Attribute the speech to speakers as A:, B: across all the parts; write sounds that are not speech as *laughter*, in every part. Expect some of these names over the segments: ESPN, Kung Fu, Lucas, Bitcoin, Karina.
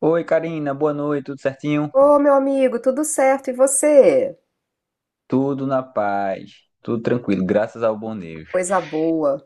A: Oi, Karina, boa noite, tudo certinho?
B: Ô, meu amigo, tudo certo? E você?
A: Tudo na paz, tudo tranquilo, graças ao bom Deus.
B: Coisa boa.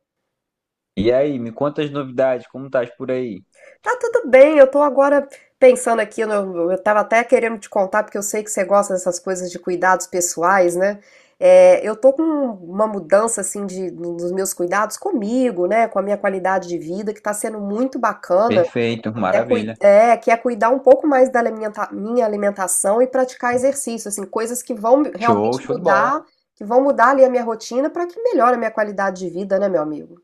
A: E aí, me conta as novidades, como estás por aí?
B: Tá tudo bem, eu tô agora pensando aqui, eu tava até querendo te contar, porque eu sei que você gosta dessas coisas de cuidados pessoais, né? É, eu tô com uma mudança, assim, nos meus cuidados comigo, né? Com a minha qualidade de vida, que tá sendo muito bacana.
A: Perfeito,
B: É, cui-
A: maravilha.
B: é, que é cuidar um pouco mais da minha alimentação e praticar exercício, assim, coisas que vão
A: Show,
B: realmente
A: show de bola.
B: mudar, que vão mudar ali a minha rotina para que melhore a minha qualidade de vida, né, meu amigo?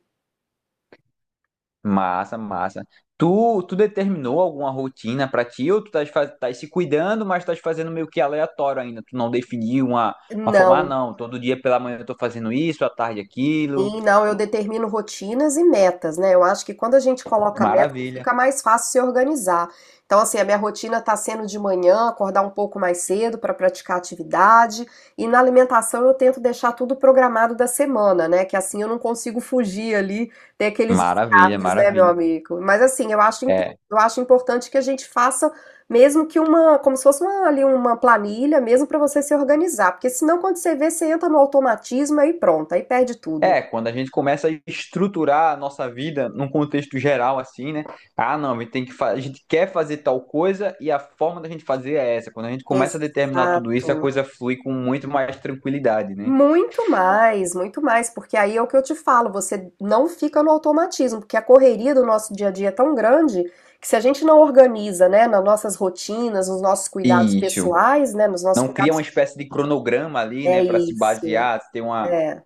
A: Massa, massa. Tu determinou alguma rotina pra ti ou tu estás tás se cuidando, mas estás fazendo meio que aleatório ainda? Tu não definiu uma forma. Ah,
B: Não.
A: não, todo dia pela manhã eu tô fazendo isso, à tarde aquilo.
B: Sim, não, eu determino rotinas e metas, né? Eu acho que quando a gente coloca metas,
A: Maravilha,
B: fica mais fácil se organizar. Então, assim, a minha rotina tá sendo de manhã, acordar um pouco mais cedo para praticar atividade, e na alimentação eu tento deixar tudo programado da semana, né? Que assim eu não consigo fugir ali, ter aqueles
A: maravilha,
B: escapes, né, meu
A: maravilha.
B: amigo? Mas assim,
A: É,
B: eu acho importante que a gente faça mesmo que uma, como se fosse uma, ali uma planilha, mesmo para você se organizar, porque senão quando você vê, você entra no automatismo aí pronto, aí perde tudo, né?
A: Quando a gente começa a estruturar a nossa vida num contexto geral, assim, né? Ah, não, a gente a gente quer fazer tal coisa e a forma da gente fazer é essa. Quando a gente começa a determinar tudo
B: Exato.
A: isso, a coisa flui com muito mais tranquilidade, né?
B: Muito mais, porque aí é o que eu te falo, você não fica no automatismo, porque a correria do nosso dia a dia é tão grande que se a gente não organiza, né, nas nossas rotinas, nos nossos cuidados
A: Isso.
B: pessoais, né, nos nossos
A: Não cria
B: cuidados.
A: uma espécie de cronograma ali,
B: É
A: né, para se
B: isso,
A: basear, se tem uma
B: é.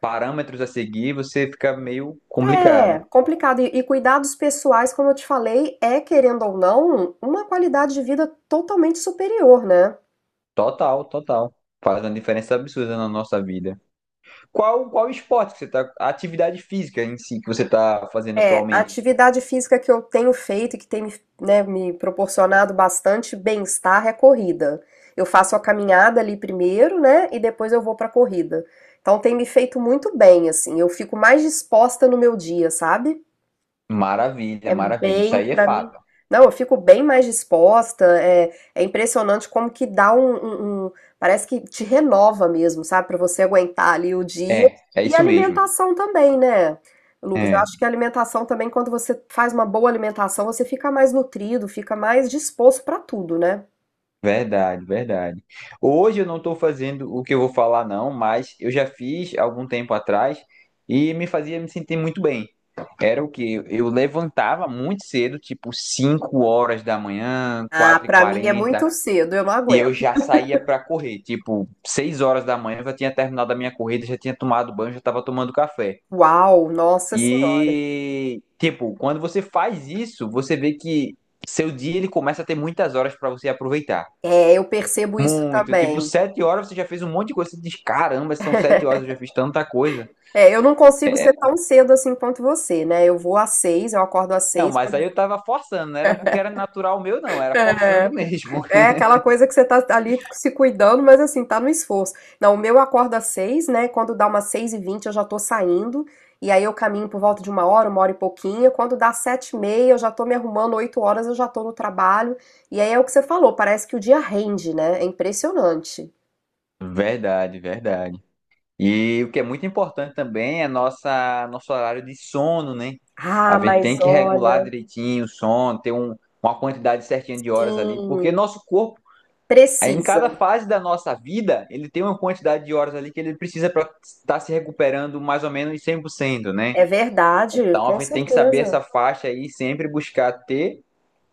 A: parâmetros a seguir, você fica meio complicado.
B: É complicado. E cuidados pessoais, como eu te falei, é, querendo ou não, uma qualidade de vida totalmente superior, né?
A: Total, total. Faz uma diferença absurda na nossa vida. Qual esporte que você tá, a atividade física em si que você tá fazendo
B: É, a
A: atualmente?
B: atividade física que eu tenho feito e que tem me, né, me proporcionado bastante bem-estar é a corrida. Eu faço a caminhada ali primeiro, né, e depois eu vou pra corrida. Então tem me feito muito bem, assim, eu fico mais disposta no meu dia, sabe?
A: Maravilha,
B: É
A: maravilha. Isso
B: bem,
A: aí é
B: pra mim.
A: fato.
B: Não, eu fico bem mais disposta. É, é impressionante como que dá um. Parece que te renova mesmo, sabe? Pra você aguentar ali o dia.
A: É, é
B: E a
A: isso mesmo.
B: alimentação também, né? Lucas, eu
A: É,
B: acho que a alimentação também, quando você faz uma boa alimentação, você fica mais nutrido, fica mais disposto pra tudo, né?
A: verdade, verdade. Hoje eu não estou fazendo o que eu vou falar, não, mas eu já fiz algum tempo atrás e me fazia me sentir muito bem. Era o que eu levantava muito cedo, tipo 5 horas da manhã,
B: Ah,
A: quatro e
B: pra mim é
A: quarenta
B: muito cedo, eu não
A: e eu
B: aguento.
A: já saía para correr. Tipo, 6 horas da manhã eu já tinha terminado a minha corrida, já tinha tomado banho, já estava tomando café.
B: Uau, nossa senhora.
A: E, tipo, quando você faz isso, você vê que seu dia ele começa a ter muitas horas pra você aproveitar.
B: É, eu percebo isso
A: Muito, tipo,
B: também.
A: 7 horas você já fez um monte de coisa. Você diz, caramba, são 7 horas, eu já fiz tanta coisa.
B: É, eu não consigo ser tão cedo assim quanto você, né? Eu vou às 6, eu acordo às
A: Não,
B: 6.
A: mas aí eu tava forçando, não era porque era natural meu, não, era forçando
B: É,
A: mesmo.
B: é aquela coisa que você tá ali se cuidando, mas assim, tá no esforço. Não, o meu acorda às 6, né? Quando dá umas 6:20 eu já tô saindo, e aí eu caminho por volta de uma hora e pouquinho. Quando dá 7:30 eu já tô me arrumando, 8 horas eu já tô no trabalho. E aí é o que você falou, parece que o dia rende, né? É impressionante.
A: *laughs* Verdade, verdade. E o que é muito importante também é nossa, nosso horário de sono, né?
B: Ah,
A: A gente tem
B: mas
A: que regular
B: olha,
A: direitinho o sono, ter uma quantidade certinha de horas ali, porque
B: sim,
A: nosso corpo. Aí, em
B: precisa.
A: cada fase da nossa vida, ele tem uma quantidade de horas ali que ele precisa para estar se recuperando mais ou menos 100%, né?
B: É verdade,
A: Então, a
B: com
A: gente tem que saber
B: certeza.
A: essa faixa aí, sempre buscar ter.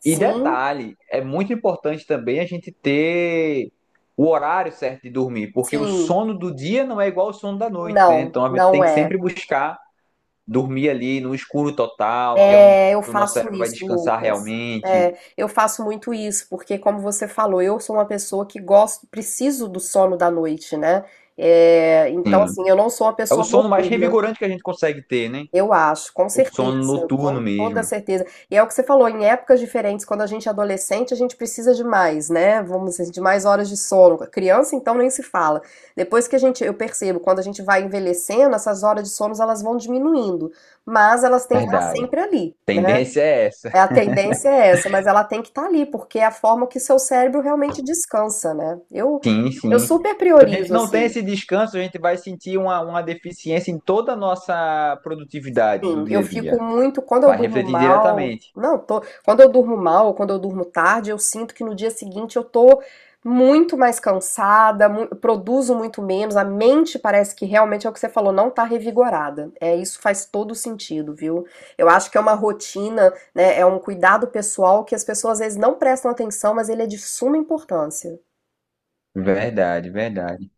A: E
B: Sim,
A: detalhe, é muito importante também a gente ter o horário certo de dormir, porque o
B: sim.
A: sono do dia não é igual ao sono da noite, né?
B: Não,
A: Então, a gente
B: não
A: tem que
B: é.
A: sempre buscar dormir ali no escuro total, que é onde
B: É, eu
A: o nosso
B: faço
A: cérebro vai
B: isso,
A: descansar
B: Lucas.
A: realmente.
B: É, eu faço muito isso, porque como você falou, eu sou uma pessoa que gosto, preciso do sono da noite, né? É, então,
A: Sim.
B: assim, eu não sou uma
A: É o
B: pessoa
A: sono mais
B: noturna,
A: revigorante que a gente consegue ter, né?
B: eu acho, com
A: O sono
B: certeza,
A: noturno
B: com toda
A: mesmo.
B: certeza. E é o que você falou, em épocas diferentes, quando a gente é adolescente, a gente precisa de mais, né? Vamos dizer, de mais horas de sono. Criança, então, nem se fala. Depois que a gente, eu percebo, quando a gente vai envelhecendo, essas horas de sono, elas vão diminuindo, mas elas têm que estar
A: Verdade.
B: sempre ali, né?
A: Tendência é essa.
B: É, a tendência é essa, mas ela tem que estar ali, porque é a forma que seu cérebro realmente descansa, né? Eu,
A: Sim,
B: eu
A: sim.
B: super
A: Se a gente
B: priorizo,
A: não tem
B: assim.
A: esse descanso, a gente vai sentir uma deficiência em toda a nossa produtividade do
B: Sim, eu
A: dia a dia.
B: fico muito, quando eu
A: Vai
B: durmo
A: refletir
B: mal,
A: diretamente.
B: não, tô, quando eu durmo mal, ou quando eu durmo tarde, eu sinto que no dia seguinte eu tô muito mais cansada, produzo muito menos, a mente parece que realmente é o que você falou, não tá revigorada. É, isso faz todo sentido, viu? Eu acho que é uma rotina, né, é um cuidado pessoal que as pessoas às vezes não prestam atenção, mas ele é de suma importância.
A: Verdade, verdade.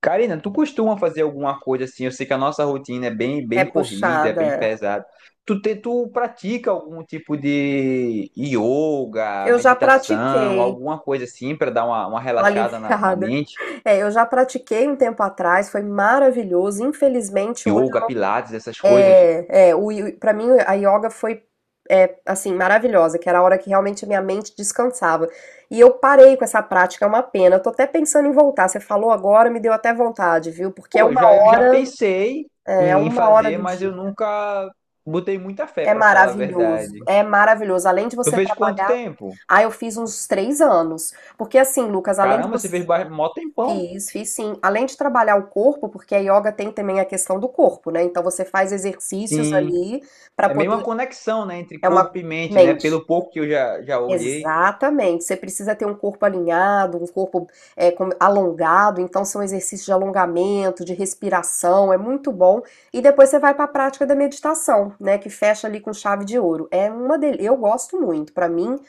A: Karina, tu costuma fazer alguma coisa assim? Eu sei que a nossa rotina é
B: É
A: bem corrida, é
B: puxada,
A: bem
B: é.
A: pesada. Tu pratica algum tipo de yoga,
B: Eu já
A: meditação,
B: pratiquei.
A: alguma coisa assim para dar uma relaxada na
B: Aliviada. *laughs*
A: mente?
B: É, eu já pratiquei um tempo atrás, foi maravilhoso. Infelizmente, hoje
A: Yoga, pilates, essas coisas.
B: é, é o, para mim a yoga foi é, assim maravilhosa, que era a hora que realmente a minha mente descansava. E eu parei com essa prática, é uma pena. Eu tô até pensando em voltar. Você falou agora, me deu até vontade, viu? Porque
A: Pô, eu já pensei
B: é
A: em
B: uma hora
A: fazer,
B: do
A: mas eu
B: dia.
A: nunca botei muita fé,
B: É
A: pra falar a
B: maravilhoso,
A: verdade.
B: é maravilhoso. Além de
A: Tu
B: você
A: fez quanto
B: trabalhar,
A: tempo?
B: ah, eu fiz uns 3 anos. Porque assim, Lucas, além de
A: Caramba, você
B: você
A: mó tempão.
B: Fiz, fiz sim. Além de trabalhar o corpo, porque a yoga tem também a questão do corpo, né? Então você faz exercícios
A: Sim.
B: ali para
A: É meio uma
B: poder.
A: conexão, né, entre
B: É
A: corpo
B: uma
A: e mente, né?
B: mente.
A: Pelo pouco que já olhei.
B: Exatamente, você precisa ter um corpo alinhado, um corpo alongado, então são exercícios de alongamento, de respiração, é muito bom. E depois você vai para a prática da meditação, né, que fecha ali com chave de ouro. Eu gosto muito, para mim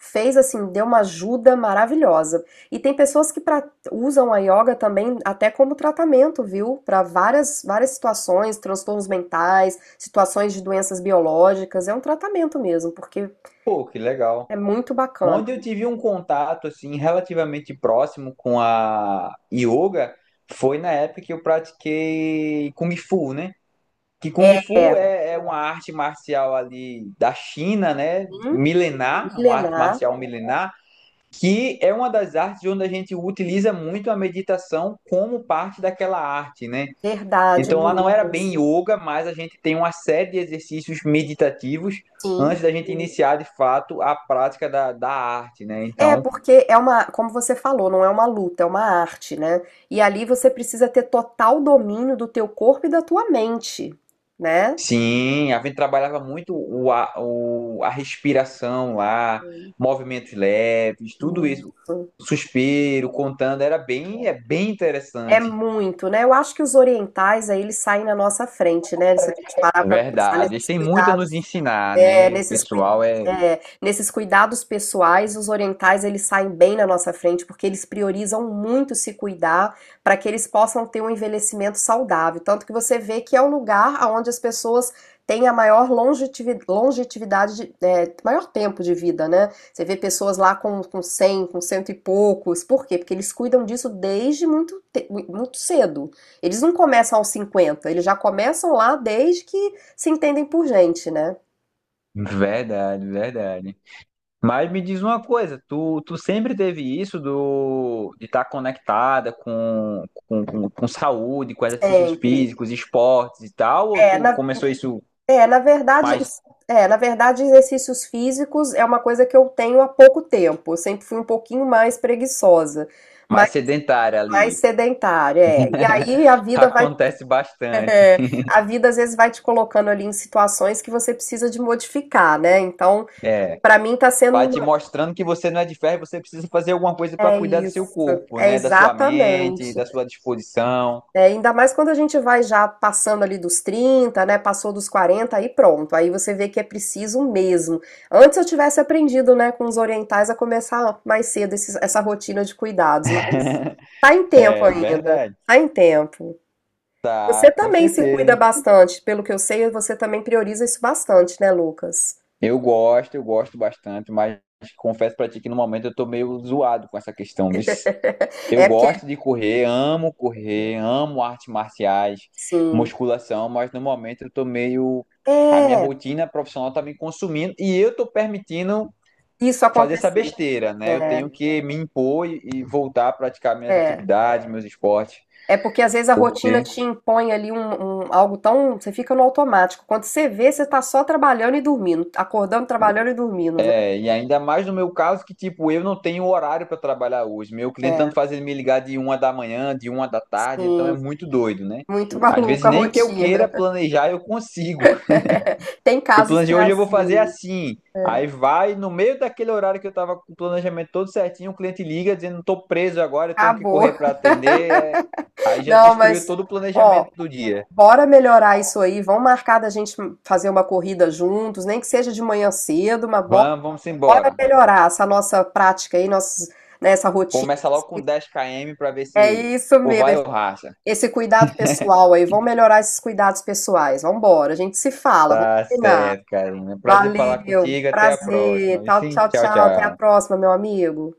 B: fez assim, deu uma ajuda maravilhosa. E tem pessoas que usam a yoga também até como tratamento, viu? Para várias várias situações, transtornos mentais, situações de doenças biológicas, é um tratamento mesmo, porque
A: Pô, que legal.
B: é muito bacana.
A: Onde eu tive um contato, assim, relativamente próximo com a yoga foi na época que eu pratiquei Kung Fu, né? Que
B: É,
A: Kung Fu é uma arte marcial ali da China, né?
B: sim,
A: Milenar, uma arte
B: milenar,
A: marcial milenar, que é uma das artes onde a gente utiliza muito a meditação como parte daquela arte, né?
B: verdade,
A: Então lá não era bem
B: Lucas.
A: yoga, mas a gente tem uma série de exercícios meditativos
B: Sim.
A: antes da gente iniciar de fato a prática da arte, né?
B: É,
A: Então
B: porque é uma, como você falou, não é uma luta, é uma arte, né? E ali você precisa ter total domínio do teu corpo e da tua mente, né?
A: sim, a gente trabalhava muito a respiração lá, movimentos leves, tudo isso,
B: Isso.
A: suspiro, contando, é bem
B: É
A: interessante.
B: muito, né? Eu acho que os orientais aí eles saem na nossa frente, né? Se a gente parar para pensar
A: Verdade, eles
B: nesses
A: têm muito a
B: cuidados
A: nos ensinar,
B: É,
A: né? O
B: nesses, cui-
A: pessoal é
B: nesses cuidados pessoais, os orientais eles saem bem na nossa frente porque eles priorizam muito se cuidar para que eles possam ter um envelhecimento saudável. Tanto que você vê que é o lugar onde as pessoas têm a maior longevidade, maior tempo de vida, né? Você vê pessoas lá com 100, com cento e poucos. Por quê? Porque eles cuidam disso desde muito cedo. Eles não começam aos 50, eles já começam lá desde que se entendem por gente, né?
A: verdade, verdade. Mas me diz uma coisa, tu sempre teve isso do de estar conectada com saúde, com exercícios
B: Sempre.
A: físicos, esportes e tal, ou
B: É,
A: tu
B: na,
A: começou isso
B: é,
A: mais,
B: na verdade, exercícios físicos é uma coisa que eu tenho há pouco tempo. Eu sempre fui um pouquinho mais preguiçosa,
A: mais
B: mas
A: sedentária
B: mais
A: ali?
B: sedentária. É. E aí a vida vai,
A: Acontece
B: *laughs*
A: bastante.
B: é, a vida às vezes vai te colocando ali em situações que você precisa de modificar, né? Então,
A: É.
B: para mim tá sendo,
A: Vai te
B: uma-
A: mostrando que você não é de ferro, e você precisa fazer alguma coisa para
B: É
A: cuidar do seu
B: isso,
A: corpo,
B: é
A: né? Da sua mente,
B: exatamente.
A: da sua disposição.
B: É, ainda mais quando a gente vai já passando ali dos 30, né? Passou dos 40 aí pronto. Aí você vê que é preciso mesmo. Antes eu tivesse aprendido, né, com os orientais a começar mais cedo essa rotina de cuidados, mas
A: *laughs*
B: tá em tempo
A: É
B: ainda,
A: verdade.
B: tá em tempo. Você
A: Tá, com
B: também se cuida
A: certeza.
B: bastante, pelo que eu sei, você também prioriza isso bastante, né, Lucas?
A: Eu gosto bastante, mas confesso pra ti que no momento eu tô meio zoado com essa questão. Bis. Eu
B: É porque,
A: gosto de correr, amo artes marciais,
B: sim,
A: musculação, mas no momento eu tô meio. A minha
B: é
A: rotina profissional tá me consumindo e eu tô permitindo
B: isso
A: fazer essa
B: acontecer.
A: besteira, né? Eu
B: É,
A: tenho que me impor e voltar a praticar minhas
B: é.
A: atividades, meus esportes.
B: É porque às vezes a rotina
A: Porque,
B: te impõe ali algo tão. Você fica no automático. Quando você vê, você tá só trabalhando e dormindo, acordando, trabalhando e dormindo, né?
A: é, e ainda mais no meu caso, que tipo, eu não tenho horário para trabalhar hoje. Meu cliente
B: É,
A: tanto faz ele me ligar de uma da manhã, de uma da tarde, então é
B: sim.
A: muito doido, né?
B: Muito *laughs*
A: Às vezes
B: maluca a
A: nem que eu
B: rotina.
A: queira planejar, eu consigo.
B: *laughs* Tem
A: Eu
B: casos que
A: planejei
B: é
A: hoje, eu vou fazer
B: assim.
A: assim.
B: É,
A: Aí vai, no meio daquele horário que eu tava com o planejamento todo certinho, o cliente liga dizendo, tô preso agora, eu tenho que
B: acabou.
A: correr para atender. É. Aí já
B: Não,
A: destruiu
B: mas,
A: todo o
B: ó,
A: planejamento do dia.
B: bora melhorar isso aí. Vamos marcar da gente fazer uma corrida juntos, nem que seja de manhã cedo, mas bora,
A: Vamos, vamos
B: bora
A: embora.
B: melhorar essa nossa prática aí, nossos, né, essa rotina.
A: Começa logo com 10 km para ver
B: É
A: se
B: isso
A: ou
B: mesmo.
A: vai ou racha.
B: Esse cuidado pessoal aí, vamos melhorar esses cuidados pessoais. Vamos embora, a gente se fala, vamos
A: Tá
B: combinar.
A: certo, Karina. Prazer falar
B: Valeu,
A: contigo. Até a
B: prazer.
A: próxima. Viu?
B: Tchau,
A: Sim,
B: tchau,
A: tchau,
B: tchau. Até a
A: tchau.
B: próxima, meu amigo.